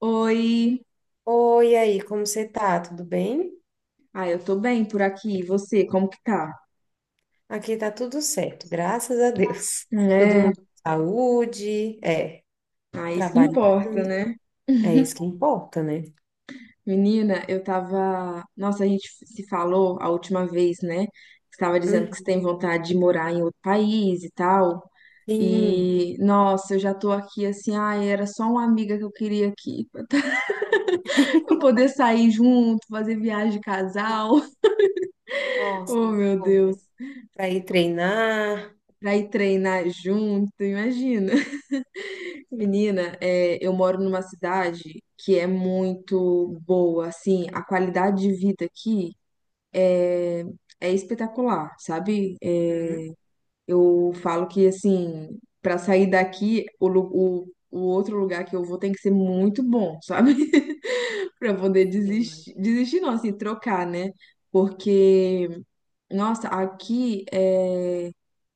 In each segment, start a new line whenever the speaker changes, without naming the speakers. Oi.
Oi, e aí, como você tá? Tudo bem?
Ah, eu tô bem por aqui. E você, como que tá?
Aqui tá tudo certo, graças a Deus. Todo
É,
mundo com saúde,
ah, isso que
trabalhando,
importa, né?
é isso que importa, né?
Menina, eu tava. Nossa, a gente se falou a última vez, né? Você tava dizendo que você
Uhum.
tem vontade de morar em outro país e tal.
Sim,
E, nossa, eu já tô aqui assim. Ai, era só uma amiga que eu queria aqui. Pra eu poder sair junto, fazer viagem de casal.
nossa,
Oh,
muito
meu
bom,
Deus.
né? Para ir treinar.
Pra ir treinar junto, imagina. Menina, é, eu moro numa cidade que é muito boa, assim, a qualidade de vida aqui é é espetacular, sabe? É,
Uhum.
eu falo que, assim, para sair daqui, o outro lugar que eu vou tem que ser muito bom, sabe? Para poder
Sim, eu
desistir,
imagino.
desistir não, assim, trocar, né? Porque nossa, aqui é.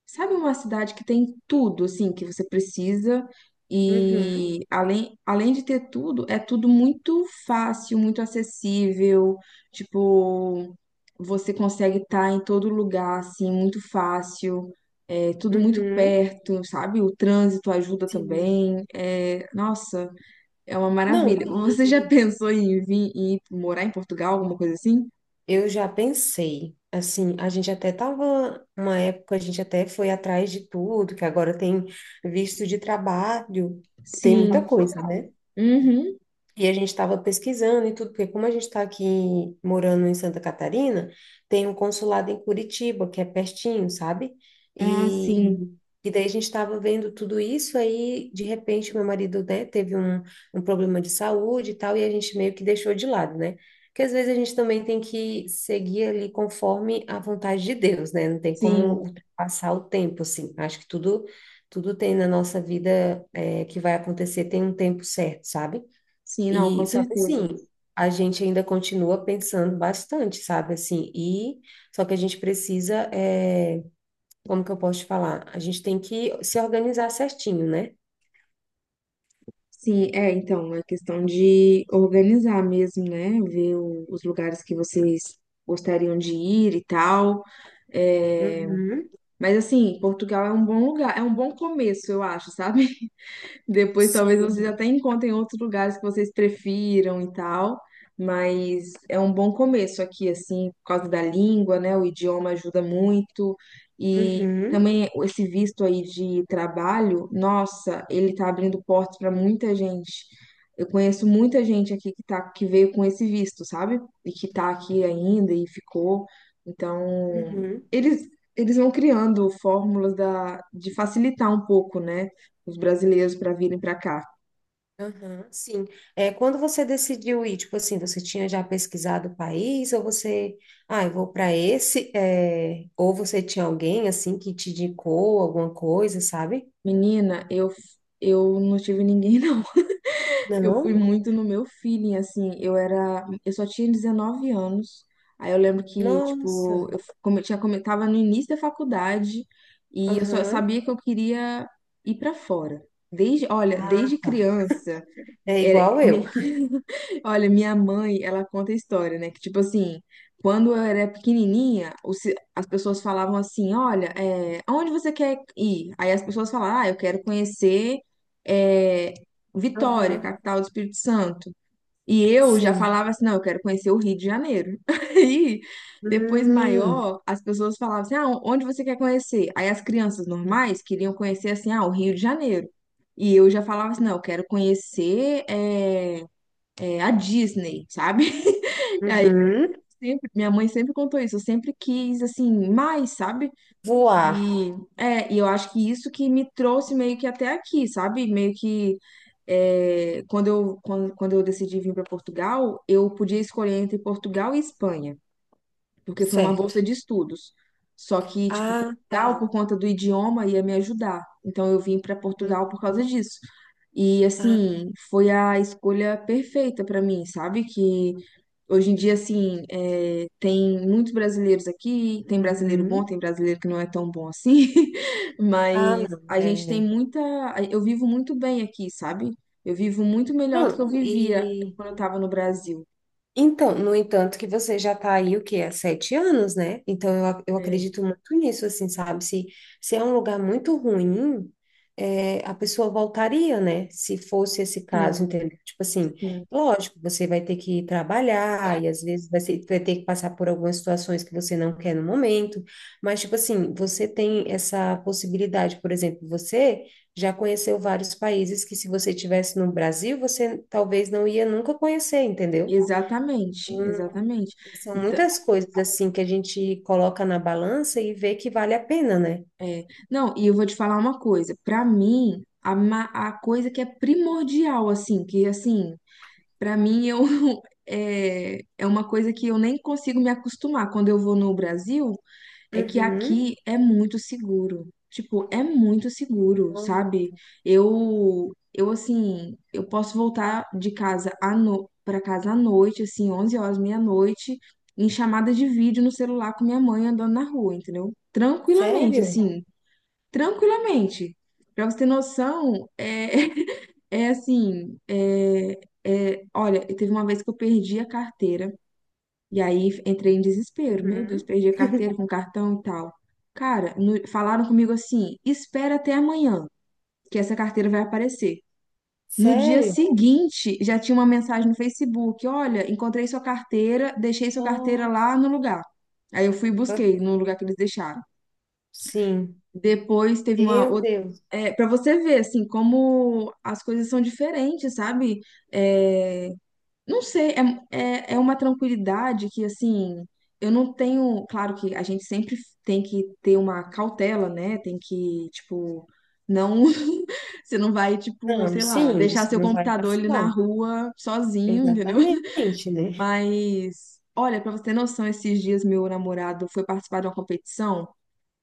Sabe uma cidade que tem tudo, assim, que você precisa
Uhum.
e além de ter tudo, é tudo muito fácil, muito acessível, tipo, você consegue estar em todo lugar, assim, muito fácil, é tudo muito
Uhum.
perto, sabe? O trânsito ajuda
Sim.
também, é, nossa, é uma
Não,
maravilha. Você já pensou em vir, em ir morar em Portugal, alguma coisa assim?
eu já pensei, assim, a gente até tava, uma época a gente até foi atrás de tudo, que agora tem visto de trabalho, tem muita
Sim.
coisa, né?
Uhum.
E a gente estava pesquisando e tudo, porque como a gente está aqui morando em Santa Catarina, tem um consulado em Curitiba, que é pertinho, sabe?
Ah,
E,
sim.
e daí a gente estava vendo tudo isso, aí de repente meu marido, né, teve um problema de saúde e tal, e a gente meio que deixou de lado, né? Porque às vezes a gente também tem que seguir ali conforme a vontade de Deus, né? Não tem como
Sim,
ultrapassar o tempo, assim. Acho que tudo tem na nossa vida, que vai acontecer, tem um tempo certo, sabe?
sim, não, com
E só que
certeza.
assim, a gente ainda continua pensando bastante, sabe? Assim, e só que a gente precisa, como que eu posso te falar? A gente tem que se organizar certinho, né?
Sim, é, então, é questão de organizar mesmo, né? Ver os lugares que vocês gostariam de ir e tal. É,
Uhum,
mas assim, Portugal é um bom lugar, é um bom começo, eu acho, sabe? Depois talvez vocês
sim.
até encontrem outros lugares que vocês prefiram e tal, mas é um bom começo aqui, assim, por causa da língua, né? O idioma ajuda muito. E
Uhum,
também esse visto aí de trabalho, nossa, ele tá abrindo portas para muita gente. Eu conheço muita gente aqui que tá, que veio com esse visto, sabe? E que tá aqui ainda e ficou. Então,
uhum,
eles, eles vão criando fórmulas de facilitar um pouco, né? Os brasileiros para virem para cá.
aham, sim. Quando você decidiu ir, tipo assim, você tinha já pesquisado o país, ou você, ah, eu vou para esse, ou você tinha alguém assim que te indicou alguma coisa, sabe?
Menina, eu não tive ninguém não. Eu fui
Não?
muito no meu feeling assim, eu só tinha 19 anos. Aí eu lembro que
Nossa.
tipo, eu f- como eu tinha como eu tava no início da faculdade e eu só
Aham.
sabia que eu queria ir para fora. Desde, olha,
Ah,
desde
tá.
criança,
É
era.
igual eu.
Olha, minha mãe, ela conta a história, né? Que tipo assim, quando eu era pequenininha, as pessoas falavam assim: Olha, é, aonde você quer ir? Aí as pessoas falavam: Ah, eu quero conhecer é, Vitória,
Aham,
capital do Espírito Santo. E eu já
sim.
falava assim: Não, eu quero conhecer o Rio de Janeiro. Aí, depois
Hum,
maior, as pessoas falavam assim: Ah, onde você quer conhecer? Aí as crianças normais queriam conhecer assim: Ah, o Rio de Janeiro. E eu já falava assim: Não, eu quero conhecer. A Disney, sabe?
uhum.
Sempre, minha mãe sempre contou isso, eu sempre quis, assim, mais, sabe?
Voar,
E eu acho que isso que me trouxe meio que até aqui, sabe? Meio que quando eu decidi vir para Portugal, eu podia escolher entre Portugal e Espanha, porque foi uma
certo.
bolsa de estudos. Só que, tipo,
Ah,
Portugal,
tá.
por conta do idioma, ia me ajudar. Então, eu vim para
Hum,
Portugal por causa disso. E,
ah,
assim, foi a escolha perfeita para mim, sabe? Que Hoje em dia, assim, é, tem muitos brasileiros aqui, tem brasileiro bom,
uhum.
tem brasileiro que não é tão bom assim,
Ah,
mas
não.
a gente tem
É.
muita. Eu vivo muito bem aqui, sabe? Eu vivo muito melhor do que eu
Não,
vivia quando eu estava no Brasil.
então, no entanto, que você já tá aí, o quê? Há sete anos, né? Então, eu
É,
acredito muito nisso, assim, sabe? Se é um lugar muito ruim, a pessoa voltaria, né? Se fosse esse
sim,
caso, entendeu? Tipo assim,
sim,
lógico, você vai ter que trabalhar e às vezes vai ter que passar por algumas situações que você não quer no momento, mas, tipo assim, você tem essa possibilidade, por exemplo, você já conheceu vários países que se você tivesse no Brasil, você talvez não ia nunca conhecer, entendeu?
exatamente, exatamente.
São
Então,
muitas coisas assim que a gente coloca na balança e vê que vale a pena, né?
é, não, e eu vou te falar uma coisa, pra mim, a coisa que é primordial, assim, que assim. Para mim, eu, é uma coisa que eu nem consigo me acostumar. Quando eu vou no Brasil, é que
Uhum.
aqui é muito seguro. Tipo, é muito seguro,
Não.
sabe? Eu assim, eu posso voltar de casa à no... para casa à noite, assim, 11 horas, meia-noite, em chamada de vídeo no celular com minha mãe andando na rua, entendeu? Tranquilamente,
Sério?
assim tranquilamente. Para você ter noção, é assim, olha, teve uma vez que eu perdi a carteira e aí entrei em desespero. Meu Deus,
Uhum.
perdi a carteira com cartão e tal. Cara, falaram comigo assim: espera até amanhã, que essa carteira vai aparecer. No dia
Sério?
seguinte, já tinha uma mensagem no Facebook: olha, encontrei sua carteira, deixei sua carteira
Nossa.
lá no lugar. Aí eu fui e busquei no lugar que eles deixaram.
Sim.
Depois teve uma
Meu
outra.
Deus.
É, para você ver, assim, como as coisas são diferentes, sabe? É, não sei, é, é uma tranquilidade que, assim, eu não tenho. Claro que a gente sempre tem que ter uma cautela, né? Tem que, tipo, não. Você não vai, tipo,
Não,
sei lá,
sim,
deixar
você
seu
não vai
computador ali na
vacilar.
rua sozinho, entendeu?
Exatamente, né?
Mas, olha, pra você ter noção, esses dias meu namorado foi participar de uma competição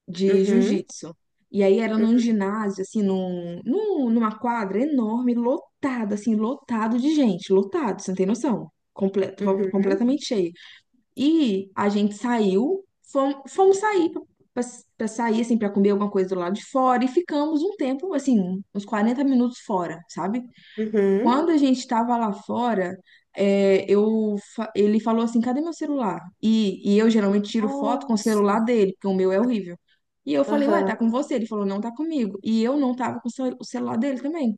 de
Uhum.
jiu-jitsu. E aí era num ginásio, assim, numa quadra enorme, lotada, assim, lotado de gente, lotado, você não tem noção.
Uhum.
Completamente cheio. E a gente saiu, fomos, sair pra pra sair, assim, pra comer alguma coisa do lado de fora e ficamos um tempo, assim, uns 40 minutos fora, sabe?
Uhum.
Quando a gente estava lá fora, ele falou assim: cadê meu celular? E eu geralmente tiro foto com o
Nossa.
celular dele, porque o meu é horrível. E eu falei: ué, tá
Aham.
com você? Ele falou: não tá comigo. E eu não tava com o celular dele também.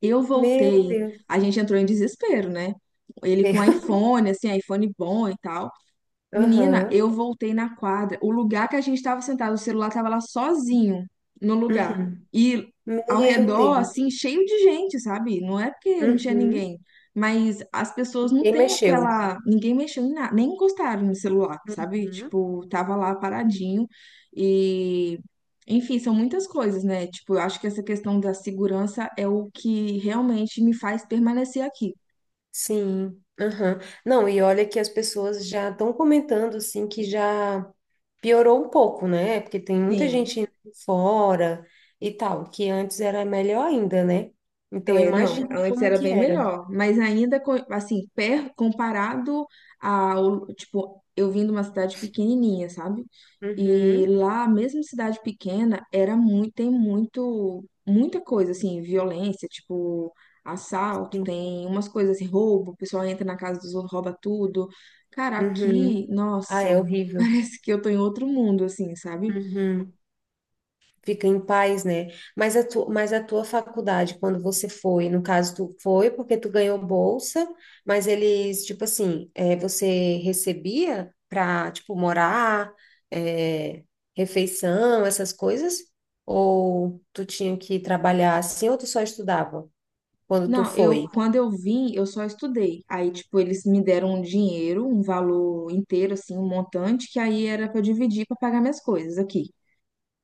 Eu
Meu
voltei,
Deus.
a gente entrou em desespero, né? Ele
Meu.
com iPhone, assim, iPhone bom e tal. Menina,
Aham.
eu voltei na quadra. O lugar que a gente estava sentado, o celular estava lá sozinho no lugar.
Uhum.
E ao
Meu
redor,
Deus.
assim, cheio de gente, sabe? Não é porque não tinha
Uhum.
ninguém, mas as pessoas não
Quem
têm
mexeu?
aquela. Ninguém mexeu em nada, nem encostaram no celular, sabe?
Uhum.
Tipo, tava lá paradinho. E, enfim, são muitas coisas, né? Tipo, eu acho que essa questão da segurança é o que realmente me faz permanecer aqui.
Sim, aham. Não, e olha que as pessoas já estão comentando assim que já piorou um pouco, né? Porque tem muita
Sim.
gente indo fora e tal, que antes era melhor ainda, né? Então
É, não,
imagina
antes
como
era
que
bem
era.
melhor, mas ainda, assim, comparado ao, tipo, eu vim de uma cidade pequenininha, sabe? E
Uhum,
lá, mesmo cidade pequena, era muito, tem muito, muita coisa, assim, violência, tipo, assalto,
sim.
tem umas coisas assim, roubo, o pessoal entra na casa dos outros, rouba tudo. Cara, aqui,
Uhum. Ah, é
nossa,
horrível.
parece que eu tô em outro mundo, assim, sabe?
Uhum. Fica em paz, né? Mas a tua faculdade, quando você foi, no caso, tu foi porque tu ganhou bolsa, mas eles, tipo assim, você recebia para, tipo, morar, é, refeição, essas coisas? Ou tu tinha que trabalhar assim, ou tu só estudava quando tu
Não, eu
foi?
quando eu vim, eu só estudei. Aí, tipo, eles me deram um dinheiro, um valor inteiro, assim, um montante, que aí era para dividir para pagar minhas coisas aqui.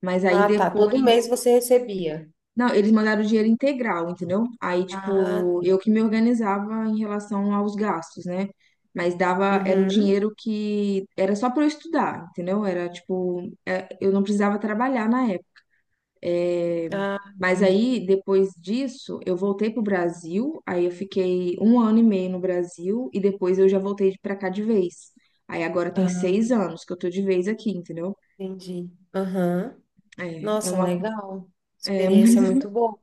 Mas aí
Ah, tá. Todo mês
depois.
você recebia.
Não, eles mandaram o dinheiro integral, entendeu? Aí,
Ah,
tipo, eu que me organizava em relação aos gastos, né? Mas dava, era o
uhum.
dinheiro que era só para eu estudar, entendeu? Era tipo, eu não precisava trabalhar é,
Ah,
mas
entendi.
aí, depois disso, eu voltei pro Brasil, aí eu fiquei um ano e meio no Brasil, e depois eu já voltei pra cá de vez. Aí agora tem seis
Ah,
anos que eu tô de vez aqui, entendeu?
entendi. Aham.
É, é
Nossa,
uma,
legal.
é um,
Experiência muito boa.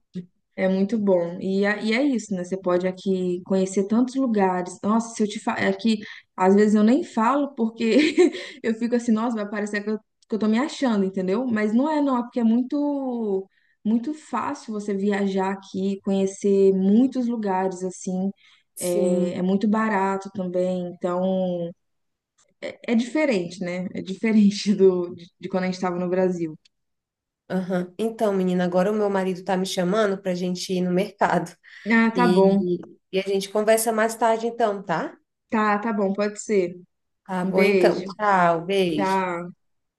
É muito bom. E é isso, né? Você pode aqui conhecer tantos lugares. Nossa, se eu te falar. É que às vezes eu nem falo porque eu fico assim, nossa, vai parecer que eu, tô me achando, entendeu? Mas não é, não. É porque é muito, muito fácil você viajar aqui, conhecer muitos lugares, assim. É
Sim.
muito barato também. Então, é diferente, né? É diferente de quando a gente tava no Brasil.
Aham. Então, menina, agora o meu marido tá me chamando pra gente ir no mercado.
Ah, tá bom.
E a gente conversa mais tarde, então, tá?
Tá, tá bom. Pode ser.
Tá
Um
bom, então.
beijo.
Tchau, beijo.
Tchau.